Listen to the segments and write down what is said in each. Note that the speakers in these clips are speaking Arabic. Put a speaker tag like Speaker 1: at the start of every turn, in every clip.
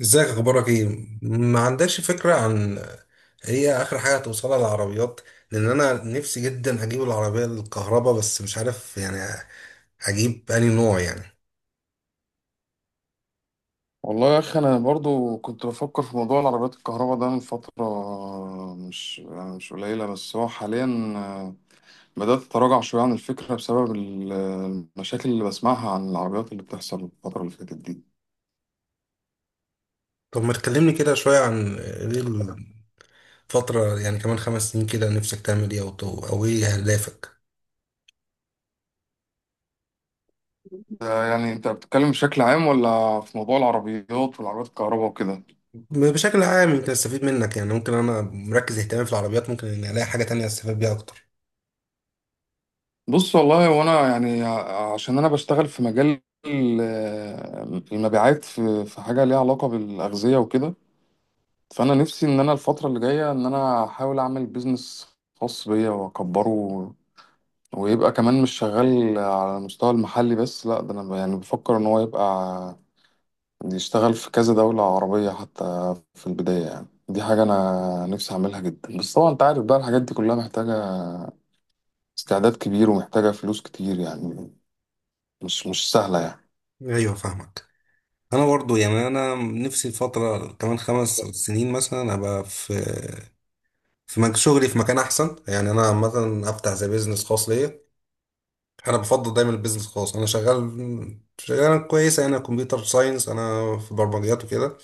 Speaker 1: ازيك، اخبارك ايه؟ ما عندكش فكره عن هي اخر حاجه هتوصلها للعربيات؟ لان انا نفسي جدا اجيب العربيه الكهرباء، بس مش عارف يعني اجيب انهي نوع يعني.
Speaker 2: والله يا اخي، انا برضو كنت بفكر في موضوع العربيات الكهرباء ده من فتره مش يعني مش قليله. بس هو حاليا بدات اتراجع شويه عن الفكره بسبب المشاكل اللي بسمعها عن العربيات اللي بتحصل الفتره اللي فاتت دي.
Speaker 1: طب ما تكلمني كده شويه عن ايه الفتره؟ يعني كمان 5 سنين كده نفسك تعمل ايه، او ايه اهدافك؟
Speaker 2: يعني انت بتتكلم بشكل عام ولا في موضوع العربيات والعربيات الكهرباء وكده؟
Speaker 1: بشكل عام يمكن استفيد منك. يعني ممكن انا مركز اهتمامي في العربيات، ممكن اني الاقي حاجه تانية استفاد بيها اكتر.
Speaker 2: بص والله، وانا يعني عشان انا بشتغل في مجال المبيعات، في حاجه ليها علاقه بالاغذيه وكده. فانا نفسي ان انا الفتره اللي جايه ان انا احاول اعمل بيزنس خاص بيا واكبره، ويبقى كمان مش شغال على المستوى المحلي بس، لا ده انا يعني بفكر ان هو يبقى يشتغل في كذا دوله عربيه حتى في البدايه. يعني دي حاجه انا نفسي اعملها جدا، بس طبعا انت عارف بقى الحاجات دي كلها محتاجه استعداد كبير ومحتاجه فلوس كتير يعني. مش سهله يعني.
Speaker 1: ايوه، فاهمك. انا برضو يعني انا نفسي الفتره كمان 5 سنين مثلا ابقى في شغلي في مكان احسن، يعني انا عامه افتح زي بيزنس خاص ليا. انا بفضل دايما البيزنس الخاص، انا شغال شغال كويسه، انا كمبيوتر ساينس، انا في برمجيات وكده.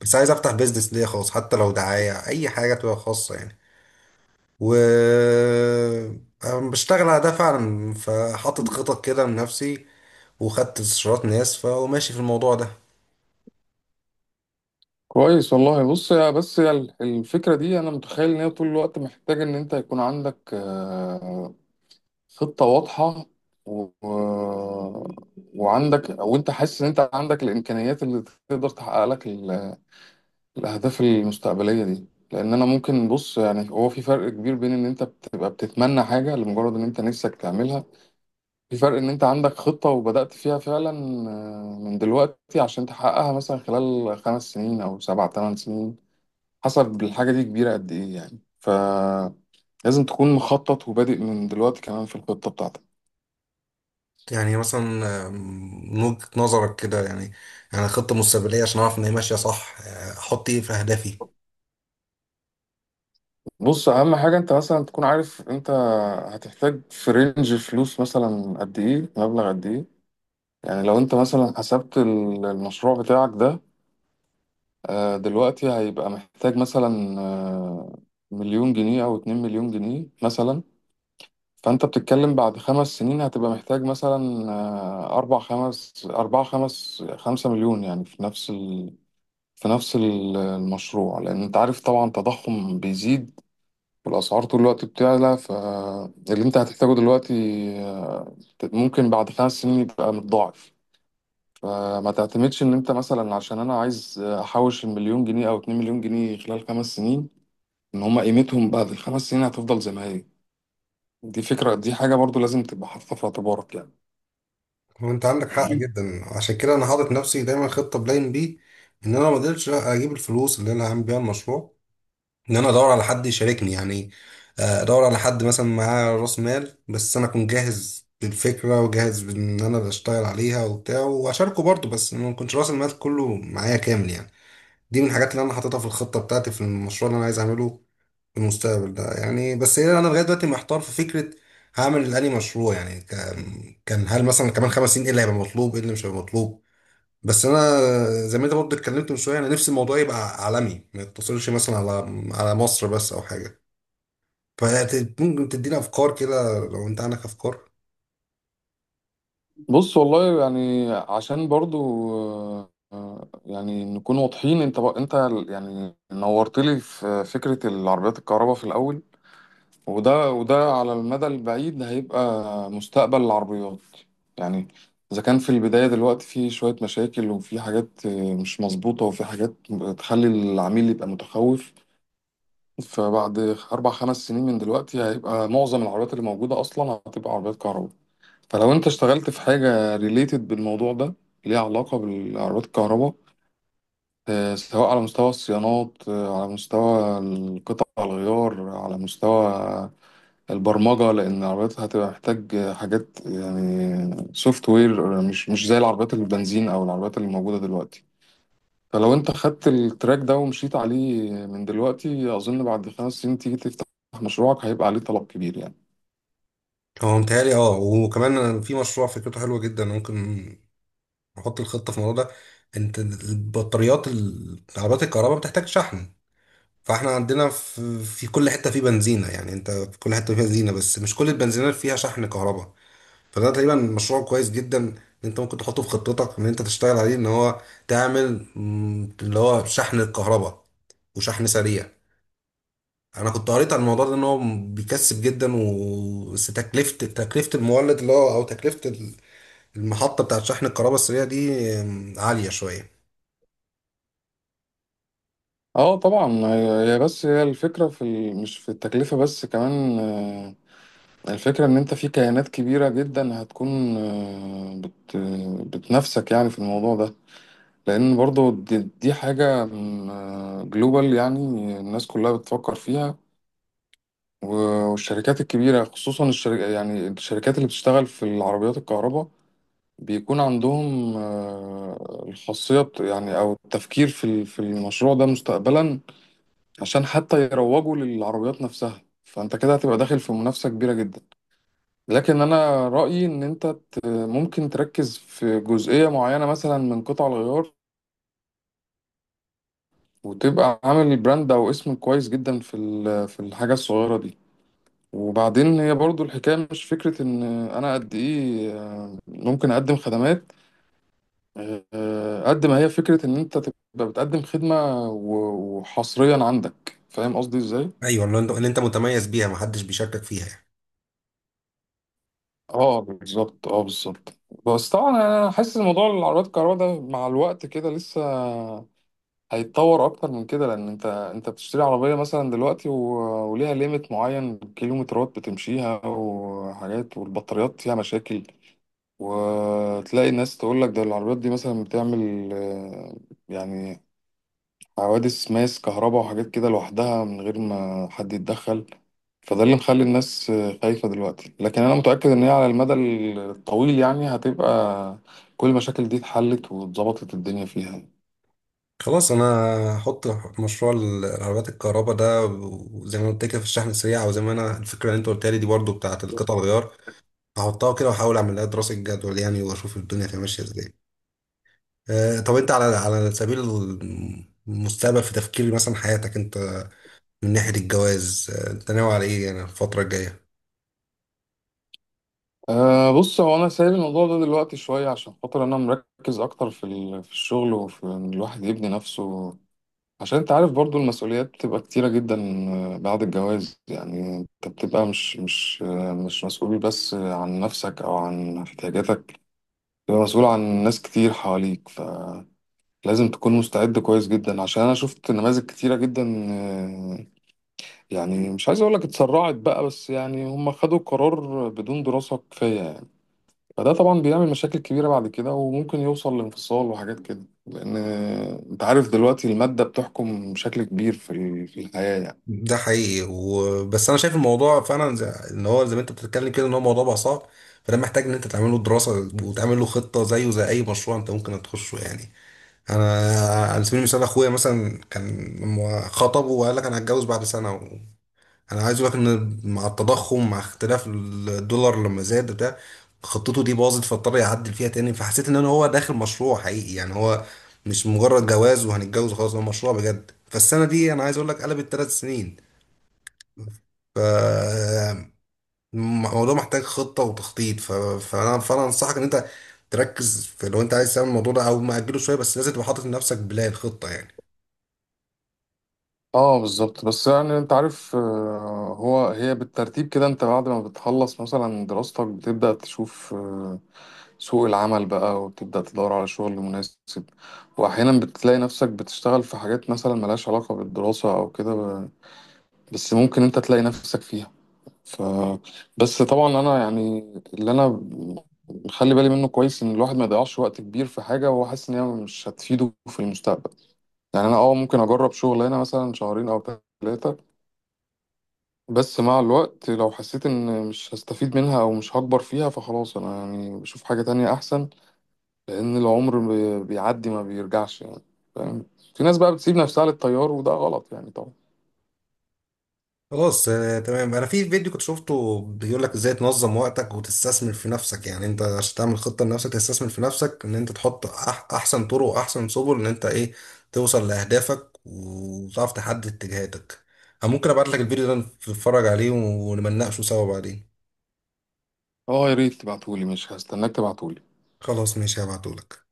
Speaker 1: بس عايز افتح بيزنس ليا خاص، حتى لو دعايه اي حاجه تبقى خاصه يعني. و أنا بشتغل على ده فعلا، فحاطط خطط كده لنفسي، وخدت استشارات ناس، فماشي في الموضوع ده.
Speaker 2: كويس والله. بص يا، بس يا الفكرة دي أنا متخيل إن هي طول الوقت محتاج إن أنت يكون عندك خطة واضحة و... وعندك، وانت حاسس ان انت عندك الامكانيات اللي تقدر تحقق لك الاهداف المستقبلية دي. لان انا ممكن، بص يعني، هو في فرق كبير بين ان انت بتبقى بتتمنى حاجة لمجرد ان انت نفسك تعملها، في فرق ان انت عندك خطة وبدأت فيها فعلا من دلوقتي عشان تحققها مثلا خلال 5 سنين او 7 8 سنين، حسب الحاجة دي كبيرة قد ايه يعني. فلازم تكون مخطط وبادئ من دلوقتي كمان في الخطة بتاعتك.
Speaker 1: يعني مثلا، من وجهة نظرك كده، يعني خطة مستقبلية عشان أعرف إن هي ماشية صح، أحط إيه في أهدافي؟
Speaker 2: بص، اهم حاجه انت مثلا تكون عارف انت هتحتاج في رينج فلوس مثلا قد ايه، مبلغ قد ايه. يعني لو انت مثلا حسبت المشروع بتاعك ده دلوقتي هيبقى محتاج مثلا مليون جنيه او 2 مليون جنيه مثلا، فانت بتتكلم بعد 5 سنين هتبقى محتاج مثلا اربع خمس اربعة خمس خمسة مليون يعني في نفس المشروع. لان انت عارف طبعا تضخم بيزيد والأسعار طول الوقت بتعلى، فاللي أنت هتحتاجه دلوقتي آه، ممكن بعد 5 سنين يبقى متضاعف. فما تعتمدش إن أنت مثلا عشان أنا عايز أحوش المليون جنيه أو 2 مليون جنيه خلال 5 سنين إن هما قيمتهم بعد ال5 سنين هتفضل زي ما هي. دي حاجة برضو لازم تبقى حاططها في اعتبارك يعني.
Speaker 1: وانت عندك حق جدا، عشان كده انا حاطط نفسي دايما خطه بلاين بي، ان انا ما اقدرش اجيب الفلوس اللي انا هعمل بيها المشروع، ان انا ادور على حد يشاركني يعني. ادور على حد مثلا معاه راس مال، بس انا اكون جاهز بالفكره وجاهز بان انا اللي اشتغل عليها وبتاع، واشاركه برضه، بس ما يكونش راس المال كله معايا كامل يعني. دي من الحاجات اللي انا حاططها في الخطه بتاعتي في المشروع اللي انا عايز اعمله المستقبل ده يعني. بس هي انا لغايه دلوقتي محتار في فكره هعمل الاني مشروع يعني. كان هل مثلا كمان 5 سنين ايه اللي هيبقى مطلوب، ايه اللي مش هيبقى مطلوب؟ بس انا، زي ما انت برضه اتكلمت من شويه، انا نفسي الموضوع يبقى عالمي، ما يقتصرش مثلا على مصر بس او حاجه. فممكن تدينا افكار كده لو انت عندك افكار.
Speaker 2: بص والله، يعني عشان برضو يعني نكون واضحين. انت انت يعني نورت لي في فكرة العربيات الكهرباء في الأول، وده على المدى البعيد هيبقى مستقبل العربيات يعني. إذا كان في البداية دلوقتي في شوية مشاكل وفي حاجات مش مظبوطة وفي حاجات تخلي العميل يبقى متخوف، فبعد 4 5 سنين من دلوقتي هيبقى معظم العربيات اللي موجودة أصلا هتبقى عربيات كهرباء. فلو أنت اشتغلت في حاجة ريليتد بالموضوع ده، ليها علاقة بالعربيات الكهرباء، سواء على مستوى الصيانات، على مستوى القطع الغيار، على مستوى البرمجة، لأن العربيات هتبقى محتاج حاجات يعني سوفت وير مش زي العربيات البنزين أو العربيات اللي موجودة دلوقتي. فلو أنت خدت التراك ده ومشيت عليه من دلوقتي، أظن بعد 5 سنين تيجي تفتح مشروعك هيبقى عليه طلب كبير يعني.
Speaker 1: هو متهيألي اه. وكمان أنا في مشروع فكرته حلوه جدا، ممكن نحط الخطه في الموضوع ده. انت البطاريات، عربيات الكهرباء بتحتاج شحن. فاحنا عندنا في كل حته في بنزينه، يعني انت في كل حته فيها بنزينه، بس مش كل البنزينات فيها شحن كهرباء. فده تقريبا مشروع كويس جدا، ان انت ممكن تحطه في خطتك، ان انت تشتغل عليه، ان هو تعمل اللي هو شحن الكهرباء، وشحن سريع. انا كنت قريت عن الموضوع ده ان هو بيكسب جدا، و بس تكلفه المولد اللي هو، او تكلفه المحطه بتاعت شحن الكهرباء السريع دي عاليه شويه.
Speaker 2: اه طبعا. هي هي بس هي الفكرة مش في التكلفة بس، كمان الفكرة ان انت في كيانات كبيرة جدا هتكون بتنافسك يعني في الموضوع ده. لأن برضو دي حاجة جلوبال يعني، الناس كلها بتفكر فيها والشركات الكبيرة خصوصا الشركة يعني الشركات اللي بتشتغل في العربيات الكهرباء بيكون عندهم الخاصية يعني أو التفكير في المشروع ده مستقبلا، عشان حتى يروجوا للعربيات نفسها. فأنت كده هتبقى داخل في منافسة كبيرة جدا. لكن أنا رأيي إن أنت ممكن تركز في جزئية معينة مثلا من قطع الغيار، وتبقى عامل براند او اسم كويس جدا في في الحاجه الصغيره دي. وبعدين هي برضو الحكايه مش فكره ان انا قد ايه ممكن اقدم خدمات، قد ما هي فكره ان انت تبقى بتقدم خدمه وحصريا عندك، فاهم قصدي ازاي؟
Speaker 1: ايوه، اللي انت متميز بيها محدش بيشاركك فيها يعني.
Speaker 2: اه بالظبط، اه بالظبط. بس طبعا انا حاسس إن موضوع العربيات الكهرباء ده مع الوقت كده لسه هيتطور اكتر من كده، لان انت بتشتري عربيه مثلا دلوقتي وليها ليميت معين كيلومترات بتمشيها وحاجات، والبطاريات فيها مشاكل، وتلاقي الناس تقول لك ده العربيات دي مثلا بتعمل يعني حوادث ماس كهرباء وحاجات كده لوحدها من غير ما حد يتدخل. فده اللي مخلي الناس خايفة دلوقتي، لكن انا متأكد ان هي على المدى الطويل يعني هتبقى كل المشاكل دي اتحلت واتظبطت الدنيا فيها.
Speaker 1: خلاص، انا هحط مشروع العربيات الكهرباء ده، وزي ما قلت كده في الشحن السريع، وزي ما انا الفكره اللي انت قلت لي دي برضو بتاعه القطع الغيار. هحطها كده واحاول اعمل لها دراسه جدول يعني، واشوف الدنيا تبقى ماشيه ازاي. طب انت، على سبيل المستقبل، في تفكير مثلا حياتك انت من ناحيه الجواز، انت ناوي على ايه يعني الفتره الجايه؟
Speaker 2: أه، بص، هو أنا سايب الموضوع ده دلوقتي شوية عشان خاطر أنا مركز أكتر في في الشغل وفي إن الواحد يبني نفسه، عشان أنت عارف برضو المسؤوليات بتبقى كتيرة جدا بعد الجواز. يعني أنت بتبقى مش مسؤول بس عن نفسك أو عن احتياجاتك، بتبقى مسؤول عن ناس كتير حواليك. فلازم تكون مستعد كويس جدا، عشان أنا شفت نماذج كتيرة جدا آه، يعني مش عايز أقولك اتسرعت بقى، بس يعني هم خدوا قرار بدون دراسة كفاية. فده طبعا بيعمل مشاكل كبيرة بعد كده وممكن يوصل لانفصال وحاجات كده، لأن أنت عارف دلوقتي المادة بتحكم بشكل كبير في في الحياة يعني.
Speaker 1: ده حقيقي، وبس انا شايف الموضوع فعلا زي ان هو، زي ما انت بتتكلم كده، ان هو موضوع بقى صعب. فده محتاج ان انت تعمل له دراسه وتعمل له خطه، زيه زي اي مشروع انت ممكن تخشه يعني. انا، على سبيل المثال، اخويا مثلا كان لما خطبه وقال لك انا هتجوز بعد سنه، و انا عايز اقول لك ان مع التضخم، مع اختلاف الدولار لما زاد بتاع، خطته دي باظت فاضطر يعدل فيها تاني، فحسيت ان انا هو داخل مشروع حقيقي. يعني هو مش مجرد جواز وهنتجوز خلاص، هو مشروع بجد، فالسنه دي انا عايز اقول لك قلبت 3 سنين. ف الموضوع محتاج خطه وتخطيط. فانا انصحك ان انت تركز في، لو انت عايز تعمل الموضوع ده او ماجله شويه، بس لازم تبقى حاطط لنفسك بلان خطه يعني.
Speaker 2: اه بالظبط. بس يعني انت عارف هي بالترتيب كده. انت بعد ما بتخلص مثلا دراستك بتبدأ تشوف سوق العمل بقى وتبدأ تدور على شغل مناسب، واحيانا بتلاقي نفسك بتشتغل في حاجات مثلا ملهاش علاقة بالدراسة او كده بس ممكن انت تلاقي نفسك فيها. ف بس طبعا انا يعني، اللي انا مخلي بالي منه كويس ان الواحد ما يضيعش وقت كبير في حاجه وهو حاسس ان هي مش هتفيده في المستقبل. يعني انا ممكن اجرب شغلانه مثلا شهرين او 3، بس مع الوقت لو حسيت ان مش هستفيد منها او مش هكبر فيها فخلاص انا يعني بشوف حاجه تانية احسن، لان العمر بيعدي ما بيرجعش يعني. فاهم؟ في ناس بقى بتسيب نفسها للتيار وده غلط يعني طبعا.
Speaker 1: خلاص، تمام. انا في فيديو كنت شفته بيقول لك ازاي تنظم وقتك وتستثمر في نفسك، يعني انت عشان تعمل خطة لنفسك تستثمر في نفسك ان انت تحط احسن طرق واحسن سبل، ان انت ايه توصل لاهدافك وتعرف تحدد اتجاهاتك. انا ممكن ابعت لك الفيديو ده، نتفرج عليه ونمناقشه سوا بعدين.
Speaker 2: اه يا ريت تبعتولي، مش هستناك. تبعتولي.
Speaker 1: خلاص، ماشي، هبعته لك.